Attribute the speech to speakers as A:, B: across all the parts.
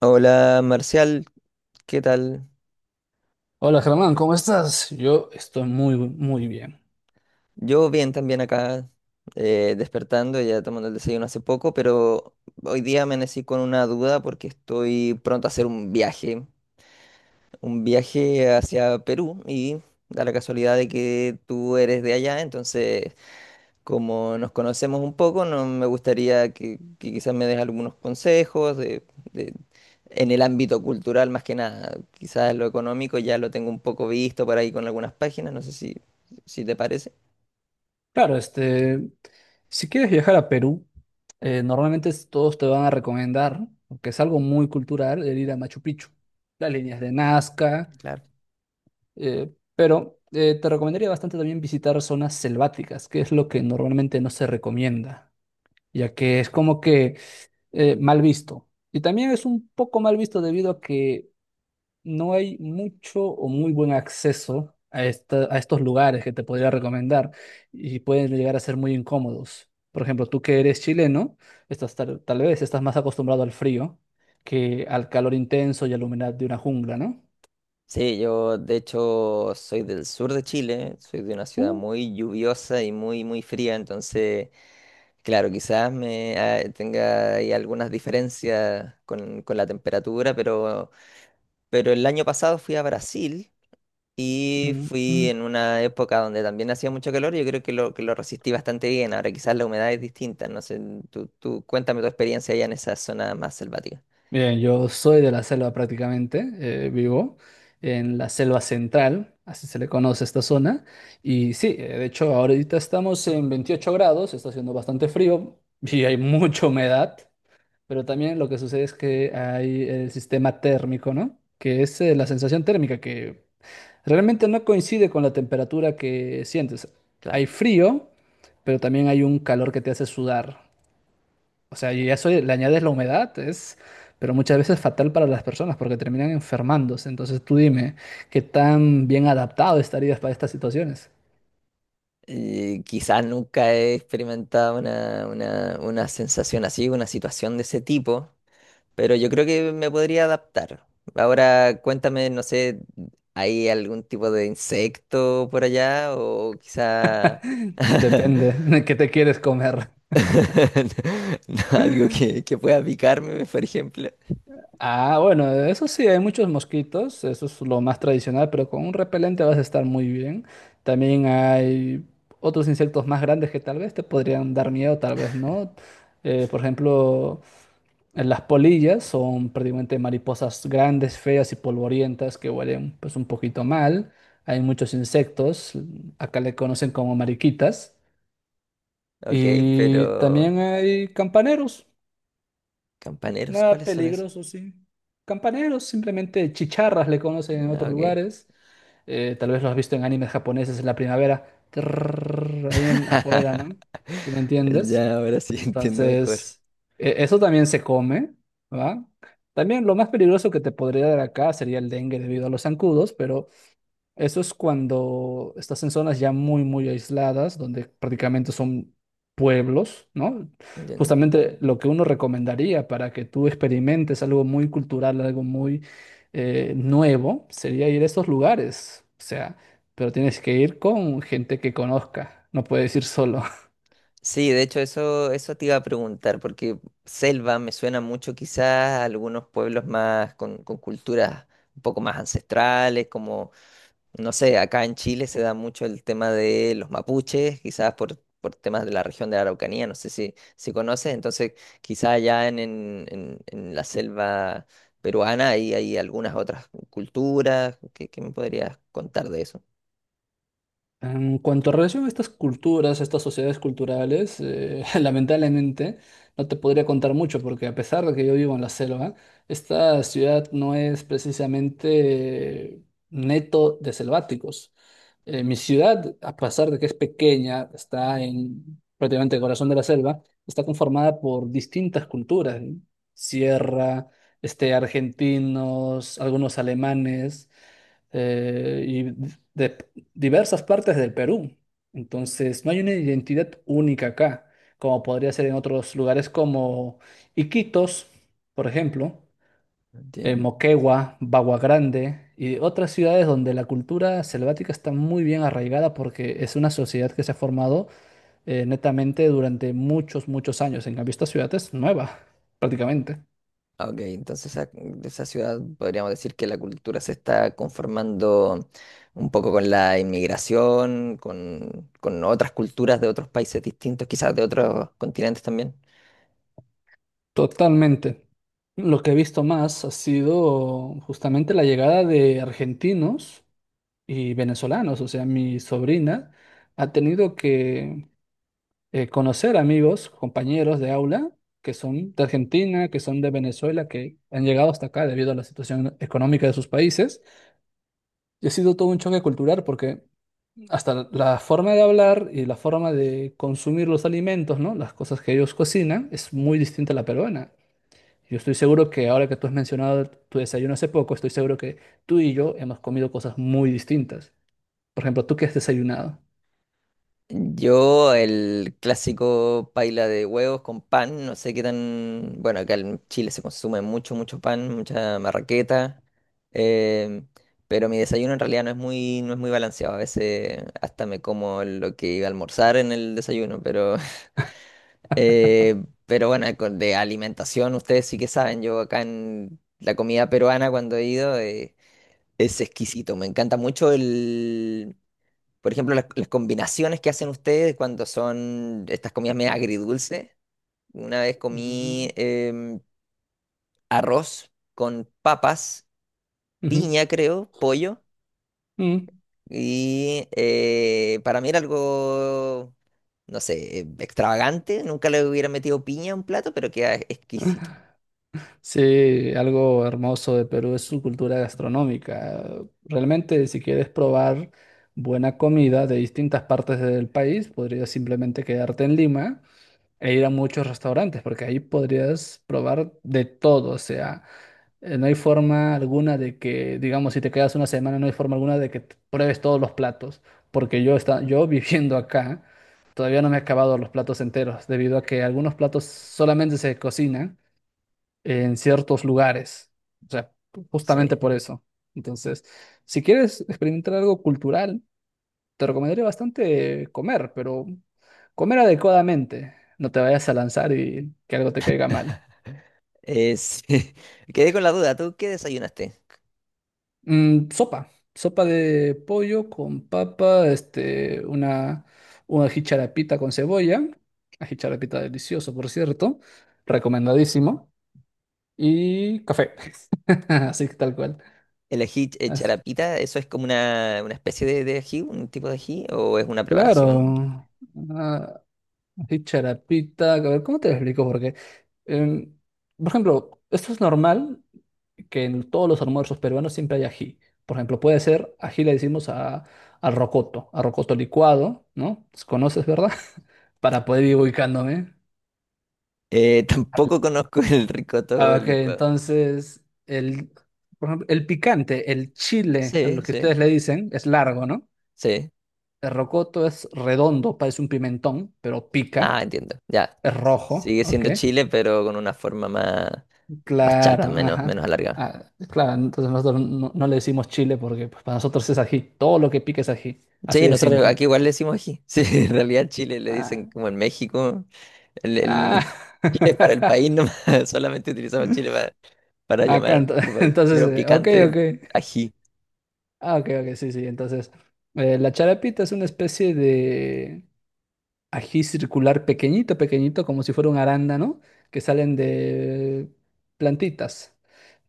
A: Hola Marcial, ¿qué tal?
B: Hola Germán, ¿cómo estás? Yo estoy muy, muy bien.
A: Yo bien también acá, despertando, ya tomando el desayuno hace poco, pero hoy día amanecí con una duda porque estoy pronto a hacer un viaje hacia Perú y da la casualidad de que tú eres de allá, entonces como nos conocemos un poco, no me gustaría que quizás me des algunos consejos en el ámbito cultural, más que nada, quizás lo económico ya lo tengo un poco visto por ahí con algunas páginas, no sé si, si te parece.
B: Claro, este, si quieres viajar a Perú, normalmente todos te van a recomendar, porque es algo muy cultural, el ir a Machu Picchu, las líneas de Nazca,
A: Claro.
B: pero te recomendaría bastante también visitar zonas selváticas, que es lo que normalmente no se recomienda, ya que es como que mal visto. Y también es un poco mal visto debido a que no hay mucho o muy buen acceso a, a estos lugares que te podría recomendar y pueden llegar a ser muy incómodos. Por ejemplo, tú que eres chileno, estás tal vez estás más acostumbrado al frío que al calor intenso y a la humedad de una jungla, ¿no?
A: Sí, yo de hecho soy del sur de Chile, soy de una ciudad
B: Uh,
A: muy lluviosa y muy, muy fría, entonces, claro, quizás me tenga ahí algunas diferencias con la temperatura, pero el año pasado fui a Brasil y fui
B: Mm.
A: en una época donde también hacía mucho calor y yo creo que que lo resistí bastante bien. Ahora quizás la humedad es distinta, no sé, tú cuéntame tu experiencia allá en esa zona más selvática.
B: Bien, yo soy de la selva prácticamente, vivo en la selva central, así se le conoce a esta zona. Y sí, de hecho, ahorita estamos en 28 grados, está haciendo bastante frío y hay mucha humedad, pero también lo que sucede es que hay el sistema térmico, ¿no? Que es la sensación térmica que realmente no coincide con la temperatura que sientes.
A: Claro.
B: Hay frío, pero también hay un calor que te hace sudar. O sea, yo ya soy, le añades la humedad, es, pero muchas veces fatal para las personas porque terminan enfermándose. Entonces tú dime, ¿qué tan bien adaptado estarías para estas situaciones?
A: Quizás nunca he experimentado una sensación así, una situación de ese tipo. Pero yo creo que me podría adaptar. Ahora cuéntame, no sé, ¿hay algún tipo de insecto por allá? O quizá
B: Depende de qué te quieres comer.
A: no, algo que pueda picarme, por ejemplo.
B: Ah, bueno, eso sí, hay muchos mosquitos, eso es lo más tradicional, pero con un repelente vas a estar muy bien. También hay otros insectos más grandes que tal vez te podrían dar miedo, tal vez no. Por ejemplo, las polillas son prácticamente mariposas grandes, feas y polvorientas que huelen pues un poquito mal. Hay muchos insectos, acá le conocen como mariquitas.
A: Ok,
B: Y
A: pero...
B: también hay campaneros.
A: ¿Campaneros?
B: Nada
A: ¿Cuáles son esos?
B: peligroso, sí. Campaneros, simplemente chicharras le conocen en
A: Ah,
B: otros
A: ok.
B: lugares. Tal vez lo has visto en animes japoneses en la primavera, trrr, ahí en, afuera, ¿no? ¿Sí me entiendes?
A: Ya, ahora sí entiendo mejor.
B: Entonces, eso también se come, ¿va? También lo más peligroso que te podría dar acá sería el dengue debido a los zancudos, pero eso es cuando estás en zonas ya muy, muy aisladas, donde prácticamente son pueblos, ¿no? Justamente lo que uno recomendaría para que tú experimentes algo muy cultural, algo muy nuevo, sería ir a estos lugares. O sea, pero tienes que ir con gente que conozca, no puedes ir solo.
A: Sí, de hecho eso te iba a preguntar, porque selva me suena mucho quizás a algunos pueblos más con culturas un poco más ancestrales, como, no sé, acá en Chile se da mucho el tema de los mapuches, quizás por temas de la región de la Araucanía, no sé si, si conoces, entonces quizás allá en la selva peruana hay, hay algunas otras culturas, ¿qué me podrías contar de eso?
B: En cuanto a relación a estas culturas, a estas sociedades culturales, lamentablemente no te podría contar mucho porque a pesar de que yo vivo en la selva, esta ciudad no es precisamente neto de selváticos. Mi ciudad, a pesar de que es pequeña, está en prácticamente el corazón de la selva, está conformada por distintas culturas, ¿eh? Sierra, este, argentinos, algunos alemanes y de, diversas partes del Perú. Entonces, no hay una identidad única acá, como podría ser en otros lugares como Iquitos, por ejemplo,
A: Entiendo.
B: Moquegua, Bagua Grande y otras ciudades donde la cultura selvática está muy bien arraigada porque es una sociedad que se ha formado netamente durante muchos, muchos años. En cambio, esta ciudad es nueva, prácticamente.
A: Ah, ok, entonces de esa ciudad podríamos decir que la cultura se está conformando un poco con la inmigración, con otras culturas de otros países distintos, quizás de otros continentes también.
B: Totalmente. Lo que he visto más ha sido justamente la llegada de argentinos y venezolanos. O sea, mi sobrina ha tenido que conocer amigos, compañeros de aula que son de Argentina, que son de Venezuela, que han llegado hasta acá debido a la situación económica de sus países. Y ha sido todo un choque cultural porque hasta la forma de hablar y la forma de consumir los alimentos, ¿no? Las cosas que ellos cocinan es muy distinta a la peruana. Yo estoy seguro que ahora que tú has mencionado tu desayuno hace poco, estoy seguro que tú y yo hemos comido cosas muy distintas. Por ejemplo, ¿tú qué has desayunado?
A: Yo, el clásico paila de huevos con pan, no sé qué tan... Bueno, acá en Chile se consume mucho, mucho pan, mucha marraqueta, eh, pero mi desayuno en realidad no es muy, no es muy balanceado. A veces hasta me como lo que iba a almorzar en el desayuno, pero bueno, de alimentación, ustedes sí que saben, yo acá en la comida peruana cuando he ido es exquisito, me encanta mucho el, por ejemplo, las combinaciones que hacen ustedes cuando son estas comidas medio agridulces. Una vez comí
B: Ujú,
A: arroz con papas,
B: ujú,
A: piña creo, pollo,
B: ujú.
A: y para mí era algo, no sé, extravagante, nunca le hubiera metido piña a un plato, pero queda exquisito.
B: Sí, algo hermoso de Perú es su cultura gastronómica. Realmente, si quieres probar buena comida de distintas partes del país, podrías simplemente quedarte en Lima e ir a muchos restaurantes, porque ahí podrías probar de todo, o sea. No hay forma alguna de que, digamos, si te quedas una semana, no hay forma alguna de que pruebes todos los platos, porque yo, está, yo viviendo acá, todavía no me he acabado los platos enteros, debido a que algunos platos solamente se cocinan en ciertos lugares, o sea, justamente
A: Sí.
B: por eso. Entonces, si quieres experimentar algo cultural, te recomendaría bastante comer, pero comer adecuadamente, no te vayas a lanzar y que algo te caiga mal.
A: Es... Quedé con la duda, ¿tú qué desayunaste?
B: Mm, sopa de pollo con papa, este, una jicharapita con cebolla, una jicharapita delicioso, por cierto, recomendadísimo, y café, así que tal cual.
A: ¿El ají
B: As-
A: charapita, eso es como una especie de ají, un tipo de ají, o es una preparación?
B: claro, una jicharapita, a ver, ¿cómo te lo explico? Porque, em, por ejemplo, esto es normal, que en todos los almuerzos peruanos siempre hay ají. Por ejemplo, puede ser, ají le decimos a, al rocoto, a rocoto licuado, ¿no? Pues, ¿conoces, verdad? Para poder ir ubicándome.
A: Tampoco conozco el
B: Ah,
A: ricoto
B: ok,
A: licuado.
B: entonces, el, por ejemplo, el picante, el chile, a
A: Sí,
B: lo que
A: sí,
B: ustedes le dicen, es largo, ¿no?
A: sí.
B: El rocoto es redondo, parece un pimentón, pero
A: Ah,
B: pica,
A: entiendo. Ya.
B: es rojo,
A: Sigue
B: ¿ok?
A: siendo Chile, pero con una forma más, más
B: Claro,
A: chata, menos,
B: ajá.
A: menos alargada.
B: Ah, claro, entonces nosotros no, no le decimos chile porque pues, para nosotros es ají, todo lo que pica es ají, así
A: Sí,
B: de
A: nosotros
B: simple.
A: aquí igual le decimos ají. Sí, en realidad Chile le
B: Ah,
A: dicen como en México.
B: ah.
A: Chile es para el país nomás, solamente utilizamos Chile para llamar
B: Acá,
A: a nuestro país.
B: entonces,
A: Pero
B: ok,
A: picante,
B: ok.
A: ají.
B: Ah, ok, ok, sí, sí. Entonces, la charapita es una especie de ají circular pequeñito, pequeñito, como si fuera un arándano, que salen de plantitas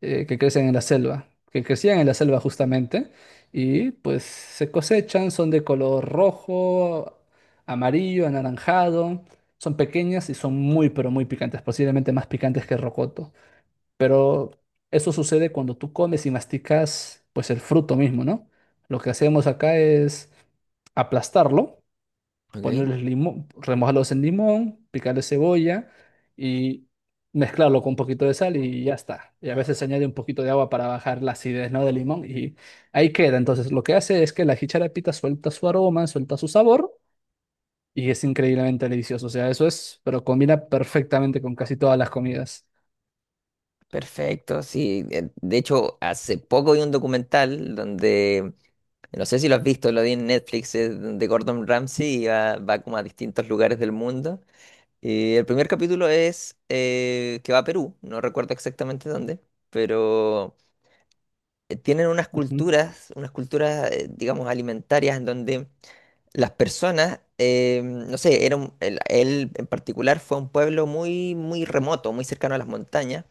B: que crecen en la selva, que crecían en la selva
A: Ok,
B: justamente, y pues se cosechan, son de color rojo, amarillo, anaranjado, son pequeñas y son muy, pero muy picantes, posiblemente más picantes que rocoto. Pero eso sucede cuando tú comes y masticas pues el fruto mismo, ¿no? Lo que hacemos acá es aplastarlo,
A: ok,
B: ponerles limón, remojarlos en limón, picarle cebolla y mezclarlo con un poquito de sal y ya está. Y a veces se añade un poquito de agua para bajar la acidez, ¿no? del limón y ahí queda. Entonces lo que hace es que la jicharapita suelta su aroma, suelta su sabor y es increíblemente delicioso. O sea, eso es, pero combina perfectamente con casi todas las comidas.
A: perfecto, sí. De hecho, hace poco vi un documental donde, no sé si lo has visto, lo vi en Netflix, de Gordon Ramsay y va como a distintos lugares del mundo. Y el primer capítulo es que va a Perú, no recuerdo exactamente dónde, pero tienen
B: Ujú,
A: unas culturas, digamos, alimentarias en donde las personas, no sé, él en particular fue a un pueblo muy, muy remoto, muy cercano a las montañas,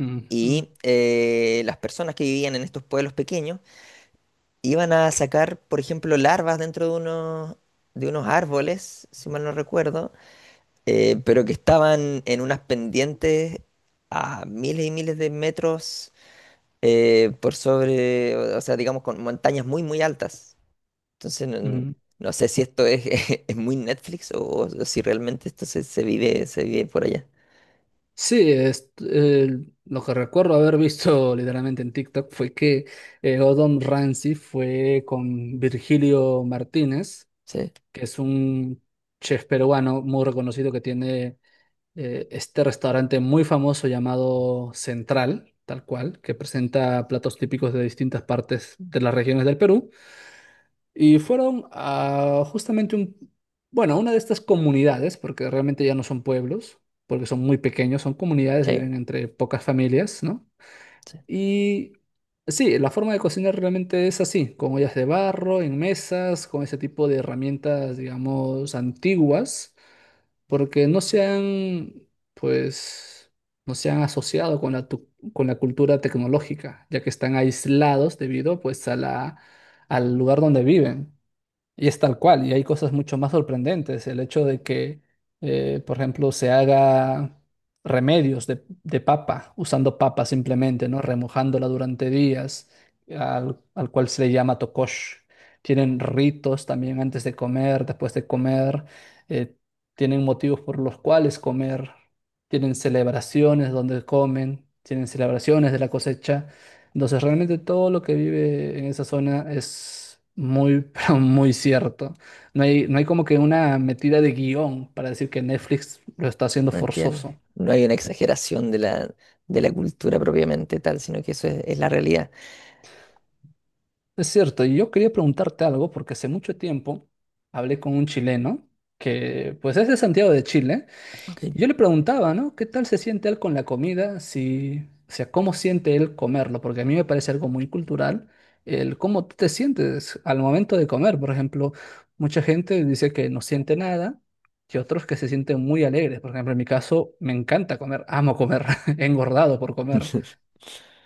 B: ujú,
A: y las personas que vivían en estos pueblos pequeños iban a sacar, por ejemplo, larvas dentro de unos árboles, si mal no recuerdo, pero que estaban en unas pendientes a miles y miles de metros por sobre, o sea, digamos, con montañas muy, muy altas. Entonces, no,
B: ujú.
A: no sé si esto es, es muy Netflix o si realmente esto se, se vive por allá.
B: Sí, es, lo que recuerdo haber visto literalmente en TikTok fue que Gordon Ramsay fue con Virgilio Martínez,
A: Sí,
B: que es un chef peruano muy reconocido que tiene este restaurante muy famoso llamado Central, tal cual, que presenta platos típicos de distintas partes de las regiones del Perú. Y fueron a justamente un, bueno, a una de estas comunidades, porque realmente ya no son pueblos, porque son muy pequeños, son comunidades,
A: sí,
B: viven entre pocas familias, ¿no?
A: sí,
B: Y sí, la forma de cocinar realmente es así, con ollas de barro, en mesas, con ese tipo de herramientas, digamos, antiguas, porque no se han, pues, no se han asociado con la, con la cultura tecnológica, ya que están aislados debido, pues, a la, al lugar donde viven. Y es tal cual, y hay cosas mucho más sorprendentes. El hecho de que, por ejemplo, se haga remedios de papa, usando papa simplemente, ¿no? Remojándola durante días, al, al cual se le llama tokosh. Tienen ritos también antes de comer, después de comer, eh, tienen motivos por los cuales comer, tienen celebraciones donde comen, tienen celebraciones de la cosecha. Entonces, realmente todo lo que vive en esa zona es muy, pero muy cierto. No hay, no hay como que una metida de guión para decir que Netflix lo está haciendo
A: no entiendo.
B: forzoso.
A: No hay una exageración de la cultura propiamente tal, sino que eso es la realidad.
B: Es cierto, y yo quería preguntarte algo porque hace mucho tiempo hablé con un chileno que pues es de Santiago de Chile.
A: Ok.
B: Y yo le preguntaba, ¿no? ¿Qué tal se siente él con la comida? Si, o sea, ¿cómo siente él comerlo? Porque a mí me parece algo muy cultural el cómo tú te sientes al momento de comer. Por ejemplo, mucha gente dice que no siente nada y otros que se sienten muy alegres. Por ejemplo, en mi caso, me encanta comer, amo comer, he engordado por comer.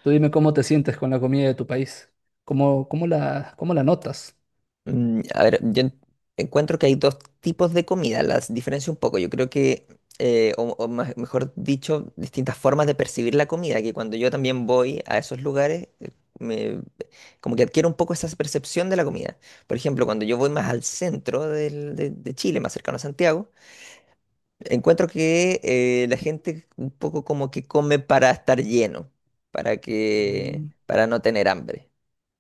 B: Tú dime cómo te sientes con la comida de tu país. ¿Cómo, cómo la notas?
A: Mm, a ver, encuentro que hay dos tipos de comida, las diferencio un poco. Yo creo que, mejor dicho, distintas formas de percibir la comida, que cuando yo también voy a esos lugares, me, como que adquiero un poco esa percepción de la comida. Por ejemplo, cuando yo voy más al centro de Chile, más cercano a Santiago, encuentro que la gente un poco como que come para estar lleno, para que,
B: Mm,
A: para no tener hambre,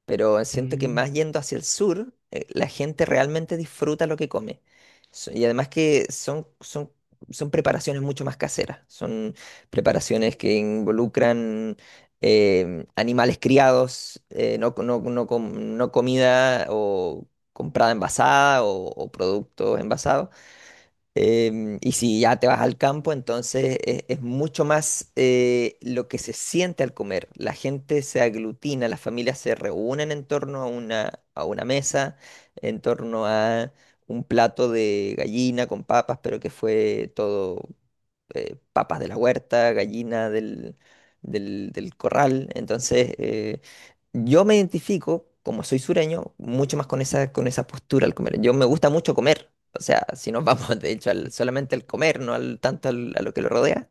A: pero siento que
B: mm,
A: más yendo hacia el sur, la gente realmente disfruta lo que come. Y además que son, son, son preparaciones mucho más caseras, son preparaciones que involucran animales criados, no comida o comprada envasada o productos envasados. Y si ya te vas al campo, entonces es mucho más lo que se siente al comer. La gente se aglutina, las familias se reúnen en torno a una mesa, en torno a un plato de gallina con papas, pero que fue todo papas de la huerta, gallina del corral. Entonces, yo me identifico, como soy sureño, mucho más con esa postura al comer. Yo me gusta mucho comer. O sea, si nos vamos, de hecho, solamente al comer, no al, tanto al- a lo que lo rodea,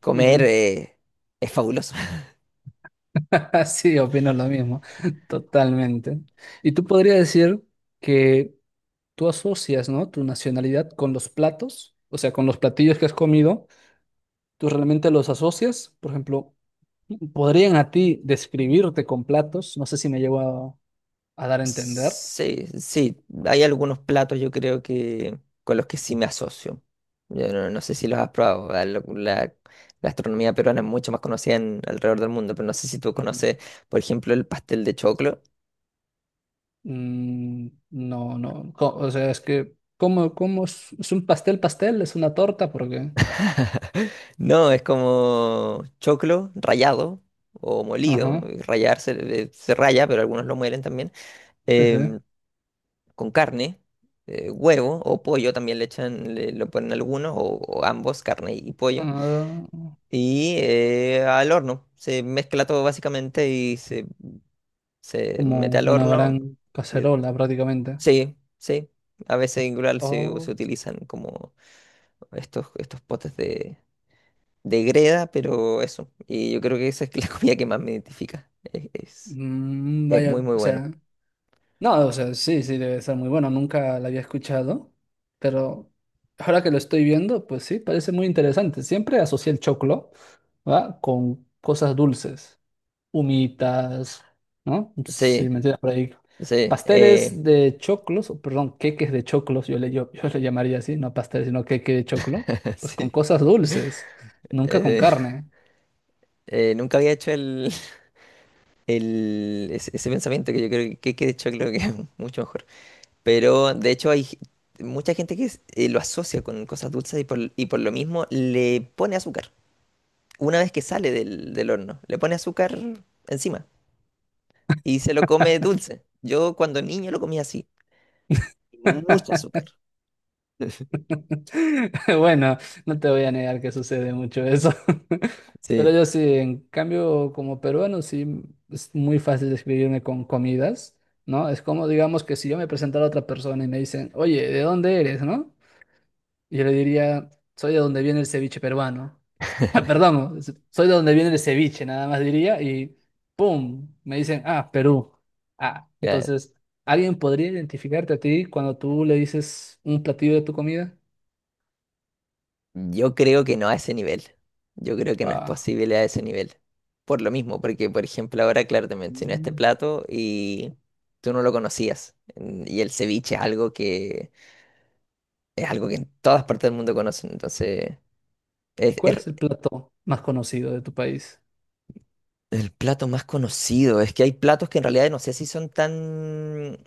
A: comer
B: ujú.
A: es fabuloso.
B: Sí, opino lo mismo, totalmente. Y tú podrías decir que tú asocias, ¿no? Tu nacionalidad con los platos, o sea, con los platillos que has comido, tú realmente los asocias. Por ejemplo, podrían a ti describirte con platos, no sé si me llevo a dar a entender.
A: Sí, sí, hay algunos platos yo creo que con los que sí me asocio. Yo no, no sé si los has probado. La gastronomía peruana es mucho más conocida en, alrededor del mundo, pero no sé si tú
B: Mm,
A: conoces, por ejemplo, el pastel de choclo.
B: mm, no, no, o sea, es que, ¿cómo, cómo es un pastel, pastel? ¿Es una torta? Porque,
A: No, es como choclo rallado o molido.
B: ajá,
A: Se, se raya, pero algunos lo muelen también.
B: sí, sí.
A: em, con carne, huevo o pollo también le echan, lo ponen algunos o ambos, carne y pollo.
B: Ah,
A: Y al horno. Se mezcla todo básicamente y se
B: como
A: mete al
B: una
A: horno.
B: gran
A: Y-
B: cacerola prácticamente.
A: Sí, sí. A veces igual se, se
B: Oh,
A: utilizan como estos, estos potes de greda, pero eso. Y yo creo que esa es la comida que más me identifica.
B: mm,
A: Es
B: vaya,
A: muy, muy
B: o
A: bueno.
B: sea, no, o sea, sí, sí, debe ser muy bueno, nunca la había escuchado, pero ahora que lo estoy viendo, pues sí, parece muy interesante. Siempre asocié el choclo, ¿va? Con cosas dulces, humitas, ¿no? Sí,
A: Sí,
B: me entiendes por ahí.
A: sí. Eh,
B: Pasteles de choclos, o perdón, queques de choclos, yo le, yo, yo le llamaría así, no pasteles, sino queque de choclo, pues con
A: sí.
B: cosas dulces, nunca con
A: eh,
B: carne.
A: Nunca había hecho el, ese pensamiento que yo creo que de hecho creo que es mucho mejor. Pero de hecho mucha gente que lo asocia con cosas dulces y por lo mismo le pone azúcar. Una vez que sale del, del horno, le pone azúcar encima y se lo come dulce. Yo cuando niño lo comía así, mucho azúcar.
B: Bueno, no te voy a negar que sucede mucho eso. Pero
A: Sí,
B: yo sí, en cambio, como peruano, sí es muy fácil describirme con comidas, ¿no? Es como, digamos, que si yo me presentara a otra persona y me dicen, oye, ¿de dónde eres, no? Y yo le diría, soy de donde viene el ceviche peruano. Ah, perdón, soy de donde viene el ceviche, nada más diría, y ¡pum! Me dicen, ah, Perú. Ah,
A: claro.
B: entonces, ¿alguien podría identificarte a ti cuando tú le dices un platillo de tu comida?
A: Yo creo que no a ese nivel. Yo creo que no es
B: Ah.
A: posible a ese nivel. Por lo mismo, porque por ejemplo ahora, claro, te mencioné este
B: Mm,
A: plato y tú no lo conocías. Mm, y el ceviche es algo que en todas partes del mundo conocen, entonces
B: ¿cuál
A: es
B: es el plato más conocido de tu país?
A: el plato más conocido. Es que hay platos que en realidad no sé si son tan,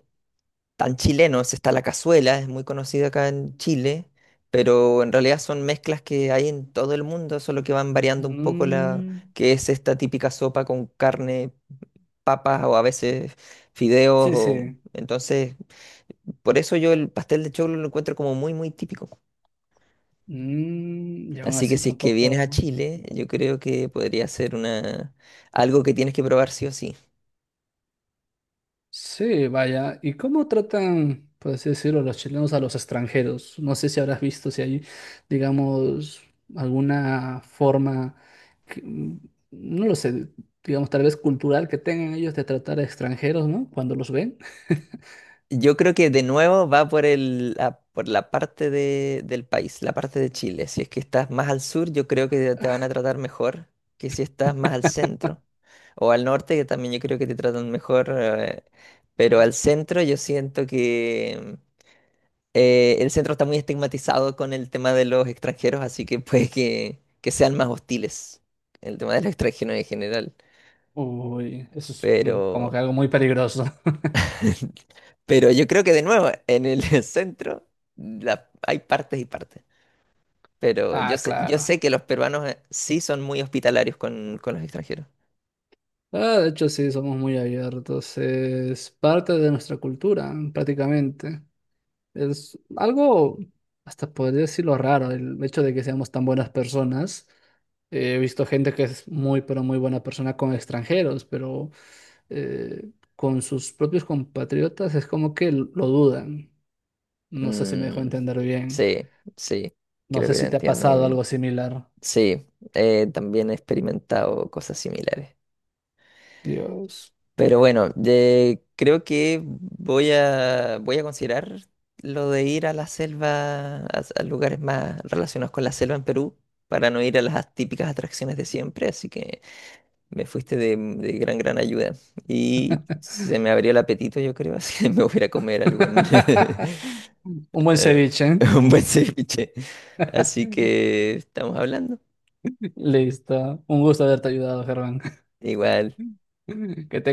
A: tan chilenos. Está la cazuela, es muy conocida acá en Chile, pero en realidad son mezclas que hay en todo el mundo, solo que van variando un poco la
B: Mm,
A: que es esta típica sopa con carne, papas o a veces fideos.
B: sí, sí.
A: Entonces, por eso yo el pastel de choclo lo encuentro como muy, muy típico.
B: Mm, y aún
A: Así que
B: así
A: si es que vienes a
B: tampoco.
A: Chile, yo creo que podría ser una algo que tienes que probar sí o sí.
B: Sí, vaya. ¿Y cómo tratan, por así decirlo, los chilenos a los extranjeros? No sé si habrás visto si hay, digamos, alguna forma, mm, no lo sé, digamos, tal vez cultural que tengan ellos de tratar a extranjeros, ¿no? Cuando los ven.
A: Yo creo que de nuevo va por el por la parte del país, la parte de Chile. Si es que estás más al sur, yo creo que te van a tratar mejor que si estás más al centro o al norte, que también yo creo que te tratan mejor, pero al centro yo siento que el centro está muy estigmatizado con el tema de los extranjeros, así que puede que sean más hostiles el tema de los extranjeros en general.
B: Uy, eso es mm, como que
A: Pero,
B: algo muy peligroso.
A: pero yo creo que de nuevo, en el centro hay partes y partes. Pero
B: Ah,
A: yo
B: claro.
A: sé que los peruanos sí son muy hospitalarios con los extranjeros.
B: Ah, de hecho sí, somos muy abiertos. Es parte de nuestra cultura, prácticamente. Es algo, hasta podría decirlo raro, el hecho de que seamos tan buenas personas. He visto gente que es muy, pero muy buena persona con extranjeros, pero eh, con sus propios compatriotas es como que lo dudan. No sé si me dejo
A: Mm,
B: entender bien.
A: sí, sí,
B: No
A: creo
B: sé
A: que te
B: si te ha
A: entiendo muy
B: pasado algo
A: bien.
B: similar.
A: Sí, también he experimentado cosas similares.
B: Dios.
A: Pero bueno, creo que voy a, voy a considerar lo de ir a la selva, a lugares más relacionados con la selva en Perú, para no ir a las típicas atracciones de siempre. Así que me fuiste de gran, gran ayuda. Y se me abrió el apetito, yo creo, así que me voy a ir a comer algún
B: Un buen
A: eh,
B: ceviche.
A: un buen ceviche. Así que estamos hablando.
B: Listo. Un gusto haberte ayudado, Germán.
A: Igual.
B: Que